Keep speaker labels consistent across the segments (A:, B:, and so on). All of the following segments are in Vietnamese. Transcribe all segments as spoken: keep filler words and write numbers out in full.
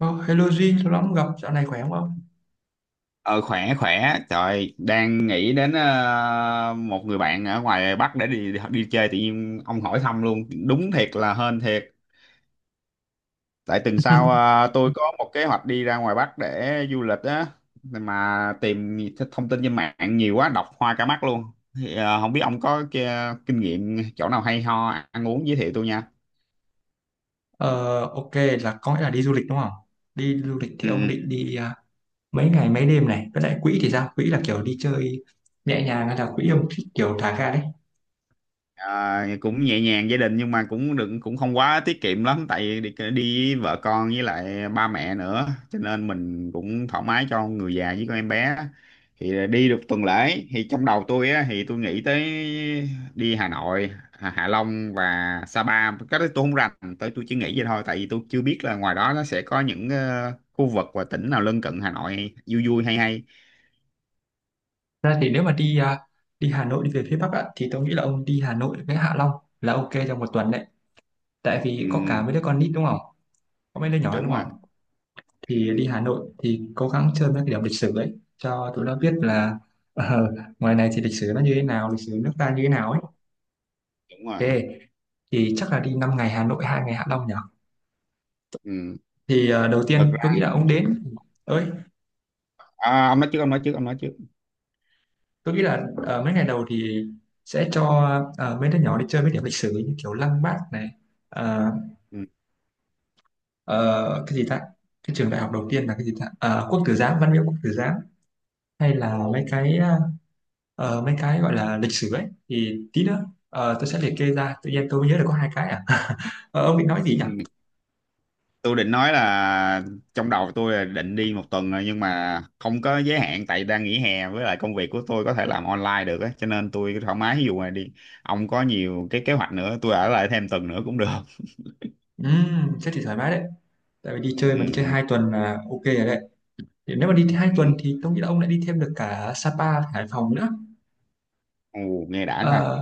A: Oh, hello Jin, lâu lắm không gặp, dạo này khỏe không?
B: Ờ khỏe khỏe, trời đang nghĩ đến ờ, một người bạn ở ngoài Bắc để đi, đi chơi, tự nhiên ông hỏi thăm luôn, đúng thiệt là hên thiệt. Tại tuần sau ờ, tôi có một kế hoạch đi ra ngoài Bắc để du lịch á, mà tìm thông tin trên mạng nhiều quá, đọc hoa cả mắt luôn. Thì ờ, không biết ông có kia- kinh nghiệm chỗ nào hay ho, ăn uống, giới thiệu tôi nha.
A: Ờ, ok, là có nghĩa là đi du lịch đúng không? Đi du lịch thì
B: Ừ.
A: ông
B: Ừ.
A: định đi à, mấy ngày mấy đêm này, với lại quỹ thì sao? Quỹ là kiểu đi chơi nhẹ nhàng hay là quỹ ông thích kiểu thả ga đấy?
B: Ờ, cũng nhẹ nhàng gia đình, nhưng mà cũng đừng cũng không quá tiết kiệm lắm, tại đi, đi với vợ con với lại ba mẹ nữa, cho nên mình cũng thoải mái cho người già với con em bé. Thì đi được tuần lễ, thì trong đầu tôi á, thì tôi nghĩ tới đi Hà Nội, Hạ Hạ Long và Sapa, cái đó tôi không rành. Tới tôi chỉ nghĩ vậy thôi, tại vì tôi chưa biết là ngoài đó nó sẽ có những ờ, khu vực và tỉnh nào lân cận Hà Nội vui vui hay hay.
A: Thật ra thì nếu mà đi à, đi Hà Nội đi về phía Bắc ạ, thì tôi nghĩ là ông đi Hà Nội với Hạ Long là ok trong một tuần đấy. Tại vì có cả
B: Ừ,
A: mấy đứa con nít đúng không? Có mấy đứa nhỏ
B: đúng
A: đúng
B: rồi.
A: không? Thì
B: Ừ,
A: đi Hà Nội thì cố gắng chơi mấy cái điểm lịch sử đấy cho tụi nó biết là ờ, ngoài này thì lịch sử nó như thế nào, lịch sử nước ta như thế nào ấy.
B: đúng rồi.
A: Ê, thì chắc là đi năm ngày Hà Nội, hai ngày Hạ Long nhỉ?
B: Ừ.
A: Thì ờ, đầu
B: Thực
A: tiên tôi nghĩ là ông đến ơi,
B: À, ông nói trước, ông nói trước, ông nói trước.
A: tôi nghĩ là ờ, mấy ngày đầu thì sẽ cho ờ, mấy đứa nhỏ đi chơi mấy điểm lịch sử như kiểu Lăng Bác này, ờ,
B: Ừ.
A: ờ, cái gì ta? Cái trường đại học đầu tiên là cái gì ta? Ờ, Quốc Tử Giám, Văn Miếu Quốc Tử Giám hay là mấy
B: Ồ.
A: cái ờ, mấy cái gọi là lịch sử ấy thì tí nữa ờ, tôi sẽ liệt kê ra, tự nhiên tôi mới nhớ được có hai cái à. Ờ, ông định nói gì nhỉ?
B: Ừ. Tôi định nói là trong đầu tôi là định đi một tuần rồi, nhưng mà không có giới hạn, tại đang nghỉ hè, với lại công việc của tôi có thể làm online được á, cho nên tôi thoải mái. Ví dụ mà đi, ông có nhiều cái kế hoạch nữa, tôi ở lại thêm tuần nữa cũng được.
A: Ừm, thế thì thoải mái đấy. Tại vì đi chơi
B: Ừ,
A: mà đi chơi
B: ừ,
A: hai tuần là ok rồi đấy. Thì nếu mà đi hai tuần
B: ừ.
A: thì tôi nghĩ là ông lại đi thêm được cả Sapa và Hải Phòng nữa.
B: Ồ, nghe đã ta.
A: Ờ,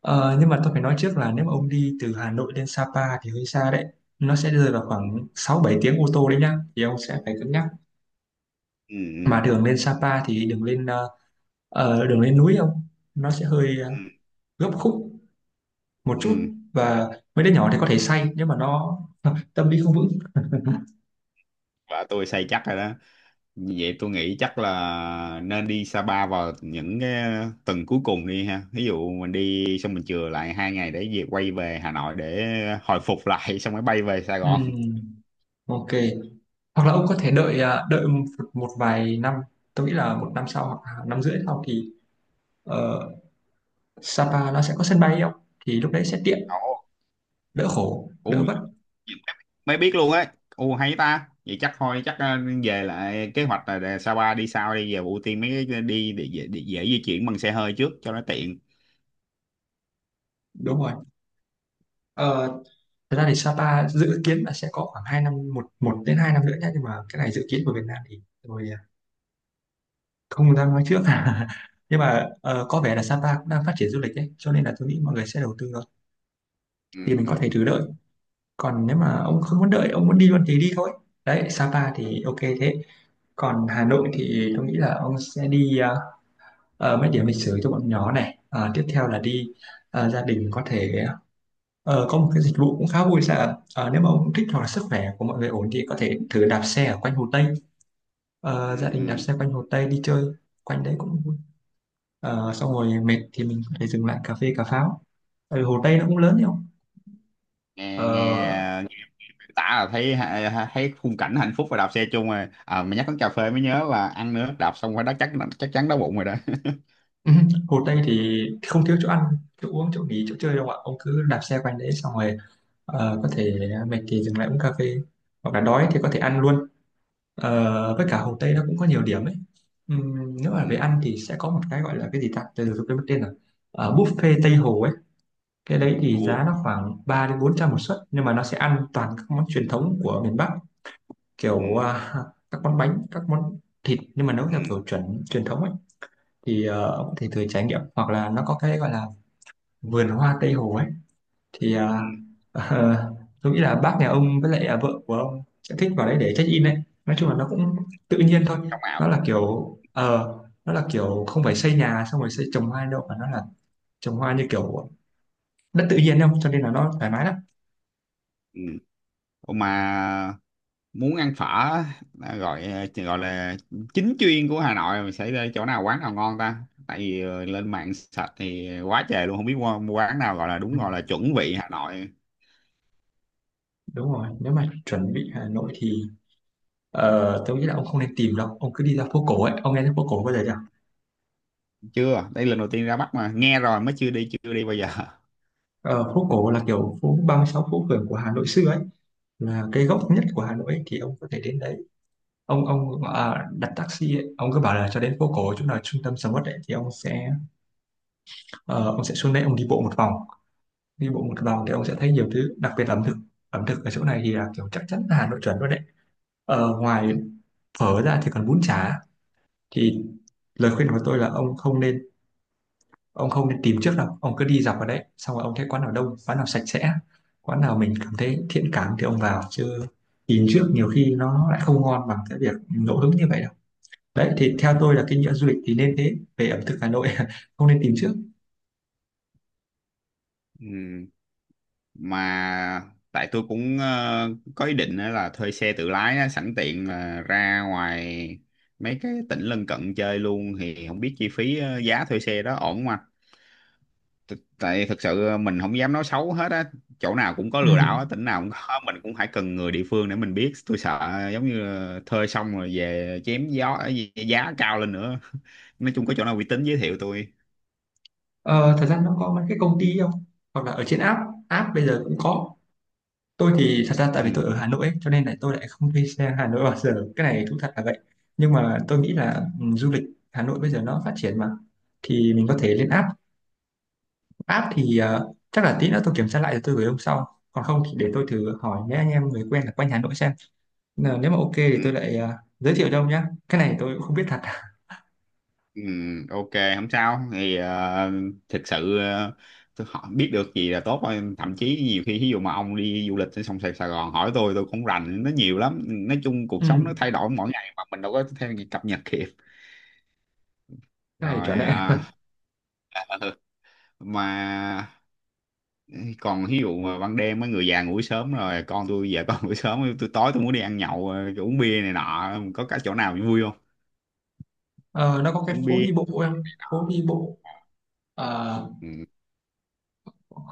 A: ờ, nhưng mà tôi phải nói trước là nếu mà ông đi từ Hà Nội lên Sapa thì hơi xa đấy, nó sẽ rơi vào
B: Ừ,
A: khoảng sáu bảy tiếng ô tô đấy nhá, thì ông sẽ phải cân nhắc.
B: ừ,
A: Mà
B: ừ,
A: đường lên Sapa thì đường lên ờ, ờ, đường lên núi ông, nó sẽ hơi ờ,
B: ừ.
A: gấp khúc một chút,
B: Ừ.
A: và mấy đứa nhỏ thì có thể say nhưng mà nó tâm lý không vững.
B: Vợ tôi say chắc rồi đó. Như vậy tôi nghĩ chắc là nên đi Sapa vào những cái tuần cuối cùng đi ha. Ví dụ mình đi xong mình chừa lại hai ngày để về, quay về Hà Nội để hồi phục lại, xong mới bay về Sài Gòn.
A: Ừm, ok, hoặc là ông có thể đợi à, đợi một, một vài năm. Tôi nghĩ là một năm sau hoặc là năm rưỡi sau thì Ờ, Sapa nó sẽ có sân bay không, thì lúc đấy sẽ tiện,
B: Ồ,
A: đỡ khổ đỡ
B: u
A: vất.
B: mới biết luôn ấy. U hay ta. Vậy chắc thôi, chắc ờ, về lại kế hoạch là để Sapa đi sau, đi về ưu tiên mấy cái đi để, dễ- để dễ di chuyển bằng xe hơi trước cho nó tiện.
A: Đúng rồi. Ờ, thật ra thì Sapa dự kiến là sẽ có khoảng hai năm, một một đến hai năm nữa nhé, nhưng mà cái này dự kiến của Việt Nam thì tôi à, không dám nói trước. Nhưng mà ờ, có vẻ là Sapa cũng đang phát triển du lịch đấy cho nên là tôi nghĩ mọi người sẽ đầu tư thôi.
B: Ừ,
A: Thì mình có thể thử
B: ừ,
A: đợi, còn nếu
B: ừ,
A: mà ông không muốn đợi, ông muốn đi luôn thì đi thôi. Đấy, Sapa thì ok thế. Còn Hà Nội
B: ừ,
A: thì tôi nghĩ là ông sẽ đi à, ờ, mấy điểm lịch sử cho bọn nhỏ này. Ờ, tiếp theo là đi ờ, gia đình có thể ờ, có một cái dịch vụ cũng khá vui sao. Ờ, nếu mà ông thích hoặc là sức khỏe của mọi người ổn thì có thể thử đạp xe ở quanh Hồ Tây.
B: ừ,
A: Ờ, gia
B: ừ,
A: đình đạp
B: ừ.
A: xe quanh Hồ Tây đi chơi quanh đấy cũng vui. Ờ, xong rồi mệt thì mình có thể dừng lại cà phê cà pháo. Ừ, Hồ Tây nó cũng lớn đấy không.
B: Nghe nghe
A: Ờ,
B: tả là thấy thấy khung cảnh hạnh phúc và đạp xe chung rồi à, mà nhắc đến cà phê mới nhớ là ăn nữa, đạp xong phải đó, chắc chắc chắn đói bụng rồi đó.
A: Hồ Tây thì không thiếu chỗ ăn chỗ uống chỗ nghỉ chỗ chơi đâu ạ, ông cứ đạp xe quanh đấy xong rồi ờ, có thể mệt thì dừng lại uống cà phê, hoặc là đói thì có thể ăn luôn. Ờ, với
B: Ừ.
A: cả Hồ Tây nó cũng có nhiều điểm ấy. Ừm, nếu mà về
B: Ừ.
A: ăn thì sẽ có một cái gọi là cái gì ta, từ từ tôi quên mất tên rồi. Ờ, buffet Tây Hồ ấy, cái đấy thì
B: Ừ.
A: giá nó khoảng ba đến bốn trăm một suất, nhưng mà nó sẽ ăn toàn các món truyền thống của miền Bắc,
B: Ừ.
A: kiểu
B: Ừ.
A: à, các món bánh các món thịt nhưng mà nấu theo
B: Ừ.
A: kiểu chuẩn truyền thống ấy. Thì ờ, ông có thể thử trải nghiệm. Hoặc là nó có cái gọi là vườn hoa Tây Hồ ấy, thì à, tôi nghĩ là bác nhà ông với lại à, vợ của ông sẽ thích vào đấy để check in đấy. Nói chung là nó cũng tự nhiên thôi.
B: Trong ảo.
A: Nó là kiểu ờ nó là kiểu không phải xây nhà xong rồi xây trồng hoa đâu, mà nó là trồng hoa như kiểu đất tự nhiên không, cho nên là nó thoải mái lắm.
B: Ừ. Ủa, mà muốn ăn phở á, à, gọi gọi là chính chuyên của Hà Nội, mình sẽ đi chỗ nào, quán nào ngon ta? Tại vì ờ, lên mạng sạch thì quá trời luôn, không biết mua, mua quán nào gọi là
A: Ừ,
B: đúng, gọi là chuẩn vị Hà Nội.
A: đúng rồi, nếu mà chuẩn bị Hà Nội thì ờ, tôi nghĩ là ông không nên tìm đâu, ông cứ đi ra phố cổ ấy, ông nghe thấy phố cổ bao giờ chưa?
B: Chưa, đây lần đầu tiên ra Bắc mà, nghe rồi mới, chưa đi chưa đi bao giờ.
A: Ờ, phố cổ là kiểu phố ba mươi sáu phố phường của Hà Nội xưa ấy, là cái gốc
B: Ừ.
A: nhất của Hà Nội ấy, thì ông có thể đến đấy. Ông ông à, đặt taxi ấy, ông cứ bảo là cho đến phố cổ chỗ nào trung tâm sầm uất ấy, thì ông sẽ ờ, ông sẽ xuống đấy, ông đi bộ một vòng. Đi bộ một vòng thì ông sẽ thấy nhiều thứ, đặc biệt là ẩm thực. Ẩm thực ở chỗ này thì là kiểu chắc chắn là Hà Nội chuẩn luôn đấy. Ờ, ngoài
B: Ừ.
A: phở ra thì còn bún chả. Thì lời khuyên của tôi là ông không nên ông không nên tìm trước đâu, ông cứ đi dọc vào đấy xong rồi ông thấy quán nào đông, quán nào sạch sẽ, quán nào mình cảm thấy thiện cảm thì ông vào. Chứ tìm trước nhiều khi nó lại không ngon bằng cái việc ngẫu hứng như vậy. Đấy, thì theo tôi là cái nhựa du lịch thì nên thế, về ẩm thực Hà Nội không nên tìm trước.
B: Ừ. Mà tại tôi cũng ờ, có ý định á là thuê xe tự lái á, sẵn tiện là ra ngoài mấy cái tỉnh lân cận chơi luôn. Thì không biết chi phí ờ, giá thuê xe đó ổn không anh? T- tại thực sự ờ, mình không dám nói xấu hết á, chỗ nào cũng có
A: Ừ.
B: lừa đảo á, tỉnh nào cũng có. Mình cũng phải cần người địa phương để mình biết, tôi sợ ờ, giống như là thuê xong rồi về chém gió ờ, giá cao lên nữa. Nói chung có chỗ nào uy tín giới thiệu tôi.
A: ờ, thật ra nó có mấy cái công ty không, hoặc là ở trên app. App bây giờ cũng có, tôi thì thật ra tại vì tôi
B: Ừ.
A: ở Hà Nội ấy, cho nên là tôi lại không thuê xe Hà Nội bao giờ, cái này thú thật là vậy. Nhưng mà tôi nghĩ là ừ, du lịch Hà Nội bây giờ nó phát triển mà, thì mình có thể lên app. App thì ờ, chắc là tí nữa tôi kiểm tra lại rồi tôi gửi ông sau, còn không thì để tôi thử hỏi mấy anh em người quen là quanh Hà Nội xem. Ờ, nếu mà ok thì
B: Ừ.
A: tôi lại ờ, giới thiệu cho ông nhé, cái này tôi cũng không biết thật.
B: Ừ, ok, không sao. Thì ờ, thực sự ờ, tôi hỏi, biết được gì là tốt thôi, thậm chí nhiều khi ví dụ mà ông đi du lịch ở sông Sài Sài Gòn hỏi tôi tôi cũng rành nó nhiều lắm. Nói chung
A: Ừ.
B: cuộc sống nó thay đổi mỗi ngày mà mình đâu có theo kịp, cập nhật kịp.
A: Cái này trở
B: Rồi
A: nên
B: ờ, ừ, mà còn ví dụ mà ban đêm mấy người già ngủ sớm rồi, con tôi giờ con ngủ sớm, tôi tối tôi muốn đi ăn nhậu, ờ, uống bia này nọ, có cả chỗ nào vui không?
A: ờ, nó có cái
B: Uống
A: phố
B: bia.
A: đi bộ em phố đi bộ. ờ,
B: Ừ.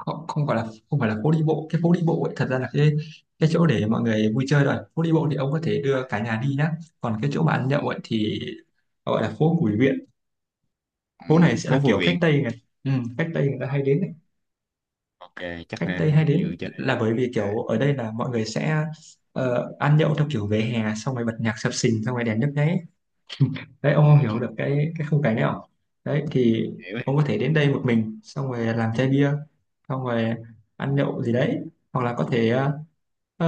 A: không, không phải là không phải là phố đi bộ, cái phố đi bộ ấy, thật ra là cái cái chỗ để mọi người vui chơi. Rồi phố đi bộ thì ông có thể
B: À.
A: đưa cả nhà đi nhá. Còn cái chỗ mà ăn nhậu ấy thì gọi là phố Bùi Viện.
B: Ừ,
A: Phố này sẽ là
B: phố Phù
A: kiểu khách
B: Viện.
A: Tây này, ừ, khách Tây người ta hay đến ấy.
B: Ok, chắc
A: Khách
B: là
A: Tây hay
B: tham dự
A: đến
B: chơi.
A: là bởi vì kiểu ở đây là mọi người sẽ ờ, ăn nhậu theo kiểu về hè, xong rồi bật nhạc sập sình, xong rồi đèn nhấp nháy đấy, ông không hiểu
B: Ừ.
A: được cái cái khung cảnh đấy không. Đấy thì
B: Hiểu.
A: ông có thể đến đây một mình, xong rồi làm chai bia, xong rồi ăn nhậu gì đấy. Hoặc là có thể ờ, ờ,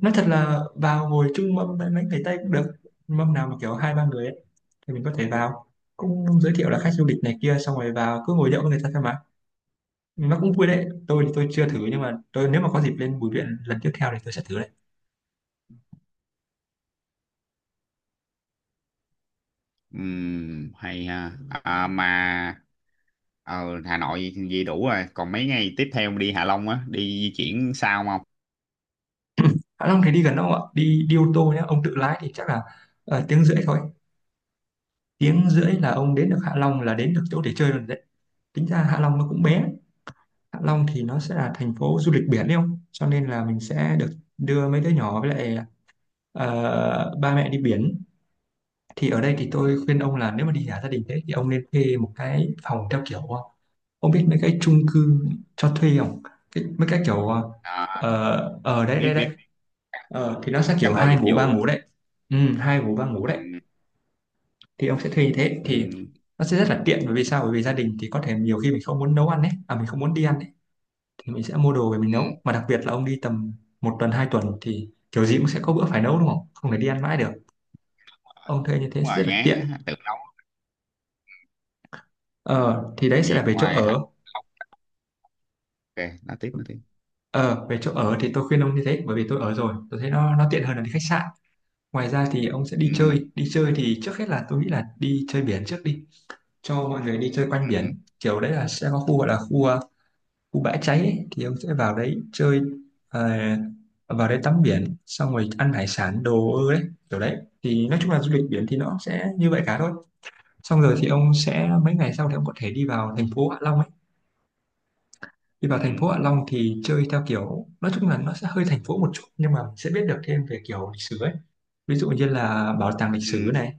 A: nói thật là vào ngồi chung mâm với mấy người Tây cũng được. Mâm nào mà kiểu hai ba người ấy, thì mình có thể vào, cũng giới thiệu là khách du lịch này kia, xong rồi vào cứ ngồi nhậu với người ta thôi mà. Nó cũng vui đấy, tôi thì tôi chưa thử,
B: Ừ.
A: nhưng mà tôi nếu mà có dịp lên Bùi Viện lần tiếp theo thì tôi sẽ thử đấy.
B: Ừm, hay ha à, mà ở Hà Nội gì đủ rồi, còn mấy ngày tiếp theo đi Hạ Long á, đi di chuyển sao không?
A: Hạ Long thì đi gần đâu ạ, đi đi ô tô nhé, ông tự lái thì chắc là ờ, tiếng rưỡi thôi. Tiếng rưỡi là ông đến được Hạ Long, là đến được chỗ để chơi rồi đấy. Tính ra Hạ Long nó cũng bé. Hạ Long thì nó sẽ là thành phố du lịch biển đấy không, cho nên là mình sẽ được đưa mấy đứa nhỏ với lại ờ, ba mẹ đi biển. Thì ở đây thì tôi khuyên ông là nếu mà đi cả gia đình thế thì ông nên thuê một cái phòng theo kiểu ờ, ông biết mấy cái chung cư cho thuê không, cái, mấy cái kiểu
B: À,
A: ờ ở đấy đấy
B: biết
A: đấy.
B: biết.
A: Ờ, thì nó sẽ kiểu
B: Căn hộ
A: hai
B: dịch
A: ngủ ba
B: vụ.
A: ngủ đấy. Ừ, hai ngủ ba ngủ đấy,
B: Ừ.
A: thì ông sẽ thuê như thế thì
B: Ừ.
A: nó sẽ rất là tiện, bởi vì sao? Bởi vì gia đình thì có thể nhiều khi mình không muốn nấu ăn ấy, à mình không muốn đi ăn ấy, thì mình sẽ mua đồ về mình
B: Ừ.
A: nấu. Mà đặc biệt là ông đi tầm một tuần hai tuần thì kiểu gì cũng sẽ có bữa phải nấu, đúng không? Không thể đi ăn mãi được. Ông thuê như thế
B: Đúng
A: sẽ
B: rồi,
A: rất là
B: ngán
A: tiện.
B: á, tự nấu.
A: ờ thì đấy sẽ
B: Vậy
A: là về chỗ
B: ngoài Hạ
A: ở.
B: ok, nói tiếp, nói tiếp.
A: ờ Về chỗ ở thì tôi khuyên ông như thế, bởi vì tôi ở rồi tôi thấy nó nó tiện hơn là đi khách sạn. Ngoài ra thì ông sẽ đi
B: Ừ.
A: chơi. Đi chơi thì trước hết là tôi nghĩ là đi chơi biển trước đi, cho mọi người đi chơi quanh
B: Ừ.
A: biển. Kiểu đấy là sẽ có khu gọi là khu ờ, khu Bãi Cháy ấy, thì ông sẽ vào đấy chơi. ờ, Vào đấy tắm biển xong rồi ăn hải sản đồ ơ đấy, kiểu đấy. Thì nói chung là du lịch biển thì nó sẽ như vậy cả thôi. Xong rồi thì ông sẽ mấy ngày sau thì ông có thể đi vào thành phố Hạ Long ấy. Đi vào thành
B: Ừ.
A: phố Hạ Long thì chơi theo kiểu nói chung là nó sẽ hơi thành phố một chút, nhưng mà mình sẽ biết được thêm về kiểu lịch sử ấy. Ví dụ như là bảo tàng lịch sử
B: Ừ.
A: này,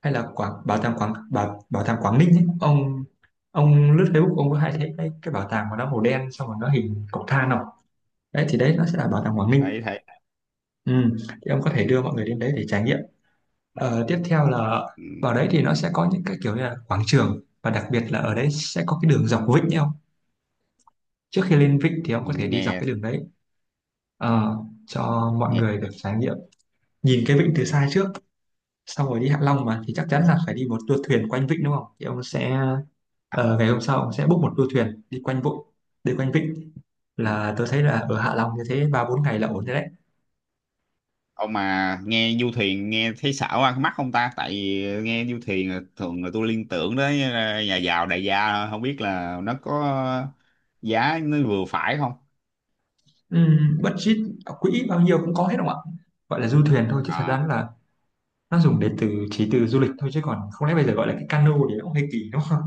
A: hay là quảng bảo tàng quảng bảo, bảo tàng Quảng Ninh ấy. ông ông lướt Facebook ông có hay thấy cái, cái bảo tàng mà nó màu đen xong rồi nó hình cọc than không? Đấy thì đấy nó sẽ là bảo tàng Quảng Ninh.
B: Thấy thấy.
A: Ừ, thì ông có thể đưa mọi người đến đấy để trải nghiệm. Ờ, tiếp theo là vào
B: Ừ.
A: đấy thì nó sẽ có những cái kiểu như là quảng trường, và đặc biệt là ở đấy sẽ có cái đường dọc Vịnh nhé ông. Trước khi lên Vịnh thì ông có thể đi dọc
B: Nghe
A: cái đường đấy, Ờ, cho mọi
B: nghe.
A: người được trải nghiệm, nhìn cái Vịnh từ xa trước. Xong rồi đi Hạ Long mà thì chắc chắn là phải đi một tour thuyền quanh Vịnh, đúng không? Thì ông sẽ, ờ, ngày hôm sau ông sẽ book một tour thuyền đi quanh Vịnh, đi quanh Vịnh
B: Ờ.
A: là tôi thấy là ở Hạ Long như thế ba bốn ngày là ổn rồi đấy.
B: Ông mà nghe du thuyền, nghe thấy xảo ăn mắt không ta? Tại vì nghe du thuyền là thường là tôi liên tưởng đến ờ, nhà giàu đại gia thôi. Không biết là nó có giá nó vừa phải không.
A: Ừm, budget ở quỹ bao nhiêu cũng có hết không ạ? Gọi là du thuyền thôi chứ thật
B: À,
A: ra là nó dùng để từ chỉ từ du lịch thôi, chứ còn không lẽ bây giờ gọi là cái cano thì nó cũng hơi kỳ đúng không?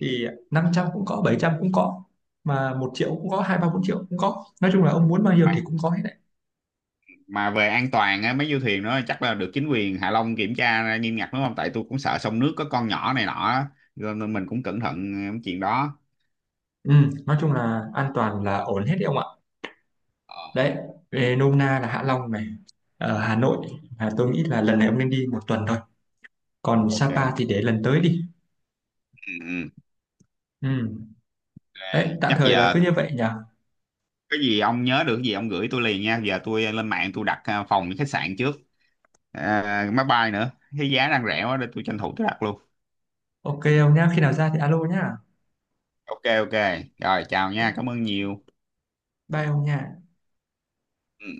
A: Thì năm trăm cũng có, bảy trăm cũng có, mà một triệu cũng có, hai ba bốn triệu cũng có. Nói chung là ông muốn bao nhiêu
B: mà
A: thì cũng có hết đấy.
B: mà về an toàn á, mấy du thuyền đó chắc là được chính quyền Hạ Long kiểm tra nghiêm ngặt đúng không, tại tôi cũng sợ sông nước, có con nhỏ này nọ á. Cho nên mình cũng cẩn thận cái chuyện đó.
A: Ừm, nói chung là an toàn là ổn hết đấy ông ạ.
B: Ờ,
A: Đấy, về nôm na là Hạ Long này, ở Hà Nội là tôi nghĩ là lần này ông nên đi một tuần thôi. Còn
B: ok. Ừ,
A: Sapa thì để lần tới đi.
B: ừ.
A: Ừm. Đấy,
B: Ok,
A: tạm
B: chắc
A: thời là
B: giờ
A: cứ như
B: tôi-
A: vậy nhỉ.
B: cái gì ông nhớ được cái gì ông gửi tôi liền nha, giờ tôi lên mạng tôi đặt à, phòng với khách sạn trước, à, máy bay nữa, cái giá đang rẻ quá để tôi tranh thủ tôi đặt luôn.
A: Ok ông nhá, khi nào ra thì alo nhá.
B: Ok, ok, rồi, chào nha, cảm ơn nhiều.
A: Đây không nha
B: Ừ.